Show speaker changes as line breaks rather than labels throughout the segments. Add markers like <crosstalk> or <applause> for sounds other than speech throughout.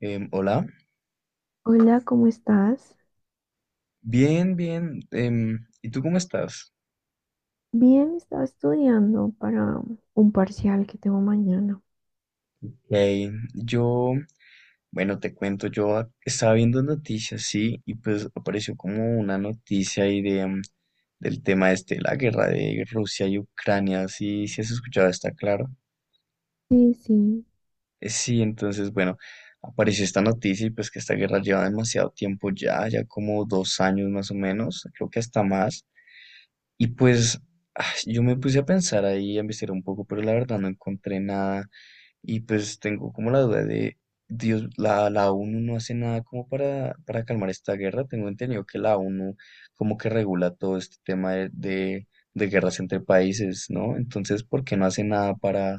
Hola,
Hola, ¿cómo estás?
bien, bien. ¿Y tú cómo estás?
Bien, estaba estudiando para un parcial que tengo mañana.
Hey, yo, bueno, te cuento, estaba viendo noticias, sí, y pues apareció como una noticia ahí de, del tema este, de la guerra de Rusia y Ucrania, sí, sí has escuchado, está claro.
Sí, sí.
Sí, entonces, bueno, apareció esta noticia y pues que esta guerra lleva demasiado tiempo ya, ya como dos años más o menos, creo que hasta más. Y pues yo me puse a pensar ahí, a investigar un poco, pero la verdad no encontré nada. Y pues tengo como la duda de, Dios, la ONU no hace nada como para calmar esta guerra. Tengo entendido que la ONU como que regula todo este tema de guerras entre países, ¿no? Entonces, ¿por qué no hace nada para,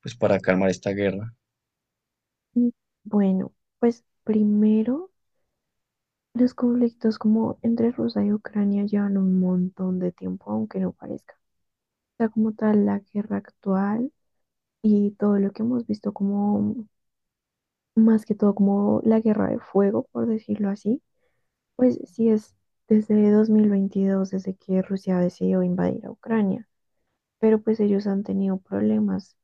pues, para calmar esta guerra?
Mm, Bueno, pues primero, los conflictos como entre Rusia y Ucrania llevan un montón de tiempo, aunque no parezca. O sea, como tal, la guerra actual y todo lo que hemos visto como, más que todo, como la guerra de fuego, por decirlo así, pues sí es desde 2022, desde que Rusia decidió invadir a Ucrania. Pero pues ellos han tenido problemas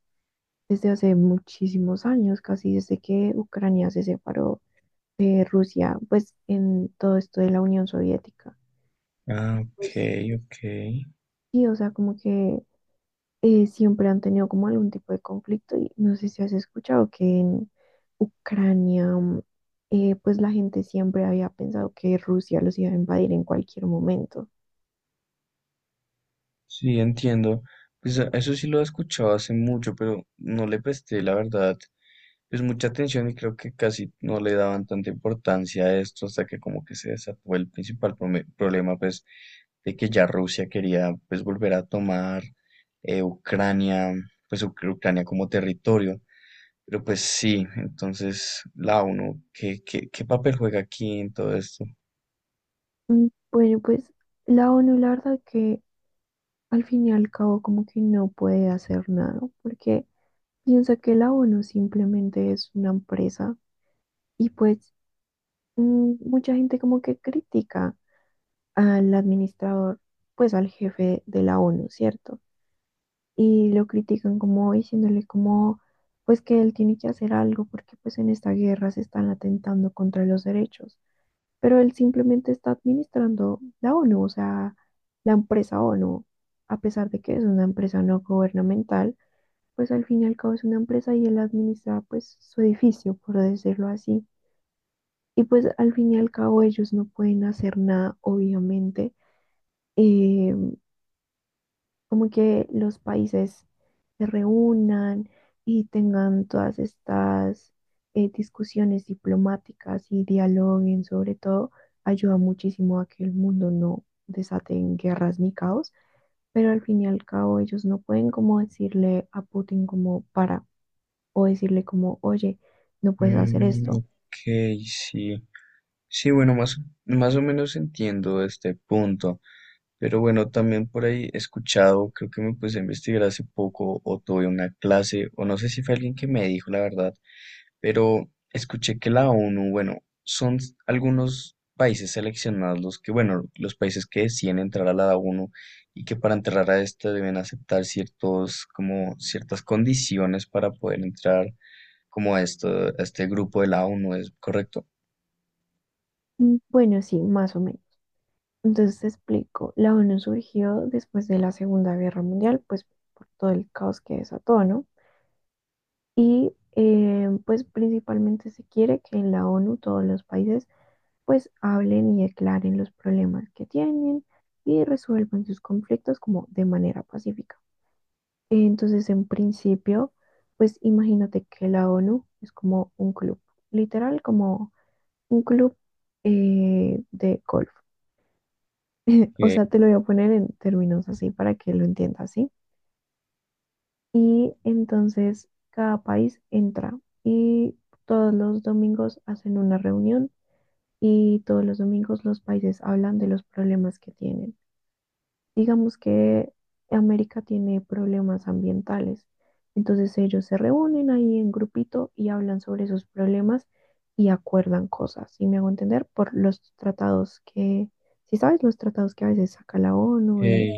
desde hace muchísimos años, casi desde que Ucrania se separó de Rusia, pues en todo esto de la Unión Soviética.
Ah, ok,
Pues
ok.
sí, o sea, como que siempre han tenido como algún tipo de conflicto, y no sé si has escuchado que en Ucrania, pues la gente siempre había pensado que Rusia los iba a invadir en cualquier momento.
Sí, entiendo. Pues eso sí lo he escuchado hace mucho, pero no le presté, la verdad, pues mucha atención y creo que casi no le daban tanta importancia a esto hasta que como que se desató el principal problema pues de que ya Rusia quería pues volver a tomar Ucrania, pues Ucrania como territorio. Pero pues sí, entonces la ONU, ¿qué papel juega aquí en todo esto?
Mm, Bueno, pues la ONU, la verdad que al fin y al cabo como que no puede hacer nada, porque piensa que la ONU simplemente es una empresa, y pues mucha gente como que critica al administrador, pues al jefe de la ONU, ¿cierto? Y lo critican como diciéndole como pues que él tiene que hacer algo porque pues en esta guerra se están atentando contra los derechos, pero él simplemente está administrando la ONU, o sea, la empresa ONU, a pesar de que es una empresa no gubernamental, pues al fin y al cabo es una empresa y él administra pues su edificio, por decirlo así. Y pues al fin y al cabo ellos no pueden hacer nada, obviamente. Eh, como que los países se reúnan y tengan todas estas discusiones diplomáticas y dialoguen sobre todo, ayuda muchísimo a que el mundo no desaten guerras ni caos, pero al fin y al cabo ellos no pueden como decirle a Putin como para o decirle como: oye, no puedes hacer
Mm,
esto.
ok, sí. Sí, bueno, más o menos entiendo este punto. Pero bueno, también por ahí he escuchado, creo que me puse a investigar hace poco o tuve una clase, o no sé si fue alguien que me dijo la verdad, pero escuché que la ONU, bueno, son algunos países seleccionados los que, bueno, los países que deciden entrar a la ONU y que para entrar a esta deben aceptar ciertos, como ciertas condiciones para poder entrar como a esto, a este grupo de la ONU, ¿es correcto?
Bueno, sí, más o menos. Entonces te explico, la ONU surgió después de la Segunda Guerra Mundial, pues por todo el caos que desató, ¿no? Y pues principalmente se quiere que en la ONU todos los países pues hablen y declaren los problemas que tienen y resuelvan sus conflictos como de manera pacífica. Entonces, en principio, pues imagínate que la ONU es como un club, literal como un club de golf. <laughs> O sea, te lo voy a poner en términos así para que lo entiendas, ¿sí? Y entonces cada país entra y todos los domingos hacen una reunión, y todos los domingos los países hablan de los problemas que tienen. Digamos que América tiene problemas ambientales, entonces ellos se reúnen ahí en grupito y hablan sobre esos problemas y acuerdan cosas, y me hago entender por los tratados que, si sabes, los tratados que a veces saca la ONU
Ok,
de,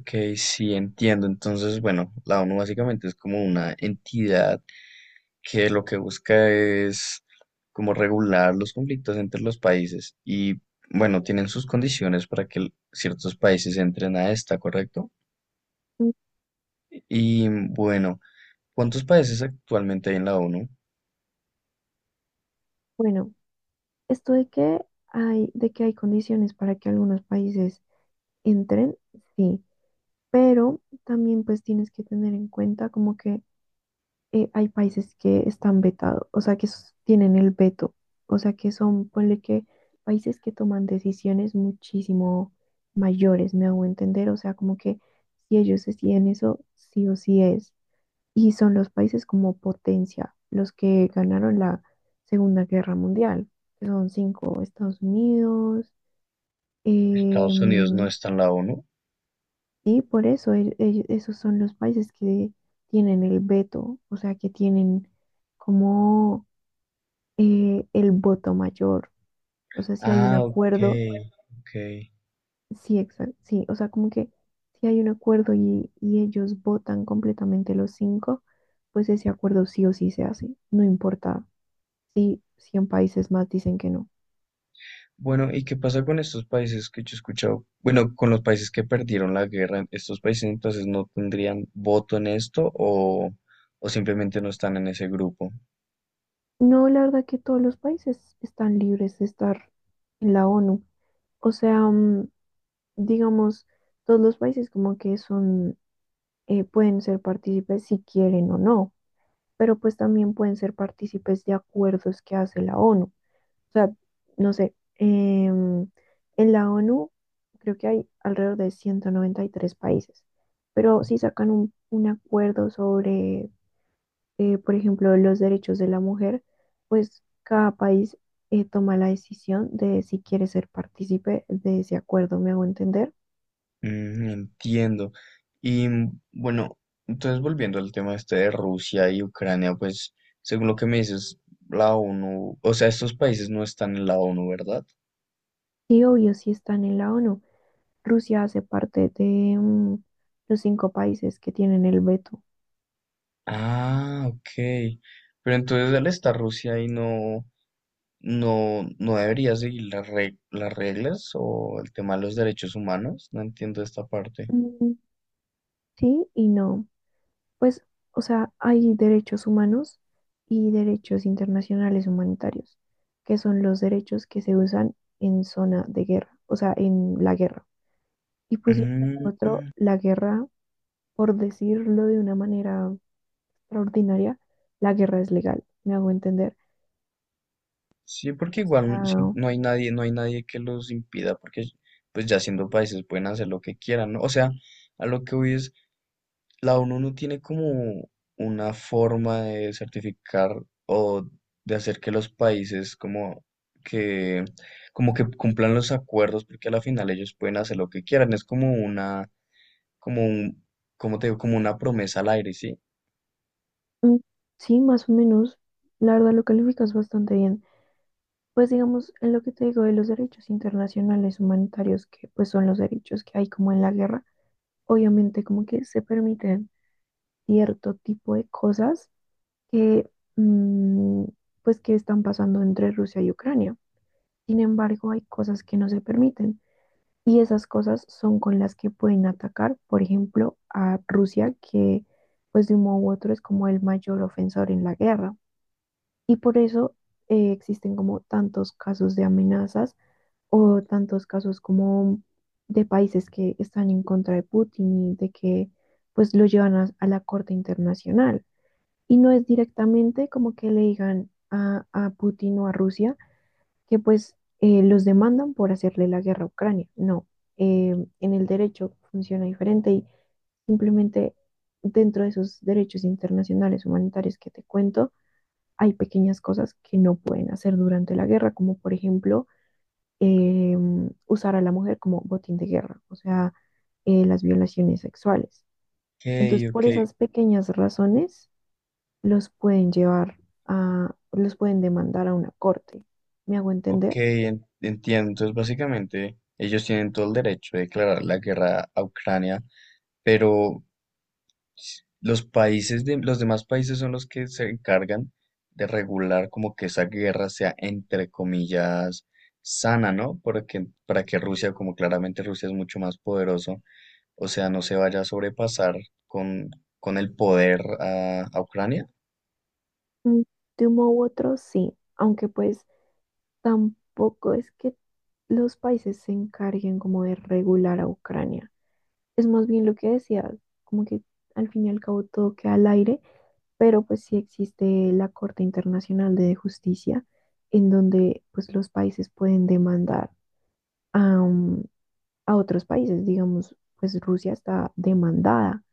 ok, sí, entiendo. Entonces, bueno, la ONU básicamente es como una entidad que lo que busca es como regular los conflictos entre los países y, bueno, tienen sus condiciones para que ciertos países entren a esta, ¿correcto?
mm,
Y, bueno, ¿cuántos países actualmente hay en la ONU?
bueno, esto de que hay condiciones para que algunos países entren, sí, pero también pues tienes que tener en cuenta como que hay países que están vetados, o sea, que s- tienen el veto, o sea, que son, ponle que países que toman decisiones muchísimo mayores, me hago entender, o sea, como que si ellos deciden eso, sí o sí es. Y son los países como potencia, los que ganaron la Segunda Guerra Mundial, que son cinco: Estados Unidos,
Estados Unidos no
em,
está en la ONU.
y por eso el- esos son los países que tienen el veto, o sea, que tienen como el voto mayor. O sea, si hay un
Ah,
acuerdo,
ok, ok.
sí, exacto, sí, o sea, como que si hay un acuerdo y, ellos votan completamente los cinco, pues ese acuerdo sí o sí se hace, no importa si 100 países más dicen que no.
Bueno, ¿y qué pasa con estos países que yo he escuchado? Bueno, con los países que perdieron la guerra, ¿estos países entonces no tendrían voto en esto o simplemente no están en ese grupo?
No, la verdad que todos los países están libres de estar en la ONU. O sea, digamos, todos los países como que son, pueden ser partícipes si quieren o no. Pero pues también pueden ser partícipes de acuerdos que hace la ONU. O sea, no sé, en la ONU creo que hay alrededor de 193 países, pero si sacan un acuerdo sobre, por ejemplo, los derechos de la mujer, pues cada país toma la decisión de si quiere ser partícipe de ese acuerdo, me hago entender.
Mm, entiendo. Y bueno, entonces volviendo al tema este de Rusia y Ucrania, pues según lo que me dices, la ONU, o sea, estos países no están en la ONU, ¿verdad?
Y obvio, si están en la ONU, Rusia hace parte de los cinco países que tienen el veto.
Ah, ok. Pero entonces al estar Rusia ahí no. No, no debería seguir las las reglas o el tema de los derechos humanos. No entiendo esta parte.
Mm, Sí y no. Pues, o sea, hay derechos humanos y derechos internacionales humanitarios, que son los derechos que se usan en zona de guerra, o sea, en la guerra. Y pues de
Mm,
otro, la guerra, por decirlo de una manera extraordinaria, la guerra es legal, me hago entender.
sí, porque
O
igual sí,
sea,
no hay nadie, no hay nadie que los impida, porque pues ya siendo países pueden hacer lo que quieran, ¿no? O sea, a lo que voy es: la ONU no tiene como una forma de certificar o de hacer que los países que como que cumplan los acuerdos, porque a la final ellos pueden hacer lo que quieran. Es como una, como un, como te digo, como una promesa al aire, ¿sí?
mm, sí, más o menos, la verdad lo calificas bastante bien. Pues digamos, en lo que te digo de los derechos internacionales humanitarios, que pues son los derechos que hay como en la guerra, obviamente como que se permiten cierto tipo de cosas que, mm, pues que están pasando entre Rusia y Ucrania. Sin embargo, hay cosas que no se permiten y esas cosas son con las que pueden atacar, por ejemplo, a Rusia, que pues de un modo u otro es como el mayor ofensor en la guerra. Y por eso existen como tantos casos de amenazas o tantos casos como de países que están en contra de Putin y de que pues lo llevan a la Corte Internacional. Y no es directamente como que le digan a Putin o a Rusia que pues los demandan por hacerle la guerra a Ucrania. No, eh, en el derecho funciona diferente, y simplemente dentro de esos derechos internacionales humanitarios que te cuento, hay pequeñas cosas que no pueden hacer durante la guerra, como por ejemplo eh, usar a la mujer como botín de guerra, o sea, las violaciones sexuales.
Ok,
Entonces,
ok,
por esas pequeñas razones, los pueden llevar a, los pueden demandar a una corte. ¿Me hago
ok,
entender?
entiendo. Entonces, básicamente, ellos tienen todo el derecho de declarar la guerra a Ucrania, pero los demás países son los que se encargan de regular como que esa guerra sea entre comillas sana, ¿no? Porque para que Rusia, como claramente Rusia es mucho más poderoso, o sea, no se vaya a sobrepasar con, con el poder a Ucrania.
Mm, De uno u otro, sí, aunque pues tampoco es que los países se encarguen como de regular a Ucrania. Es más bien lo que decía, como que al fin y al cabo todo queda al aire, pero pues sí existe la Corte Internacional de Justicia, en donde pues los países pueden demandar a, um, a otros países, digamos, pues Rusia está demandada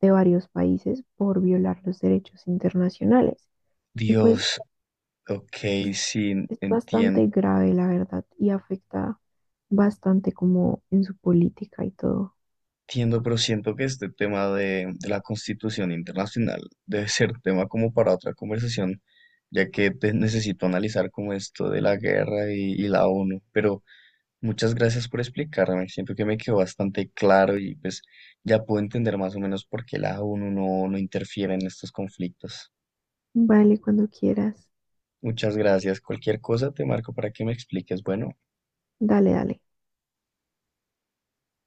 de varios países por violar los derechos internacionales, y pues
Dios, ok,
es,
sí,
es
entiendo.
bastante grave la verdad, y afecta bastante como en su política y todo.
Entiendo, pero siento que este tema de la Constitución Internacional debe ser tema como para otra conversación, ya que necesito analizar como esto de la guerra y la ONU. Pero muchas gracias por explicarme, siento que me quedó bastante claro y pues ya puedo entender más o menos por qué la ONU no, no interfiere en estos conflictos.
Vale, cuando quieras.
Muchas gracias. Cualquier cosa te marco para que me expliques. Bueno.
Dale, dale.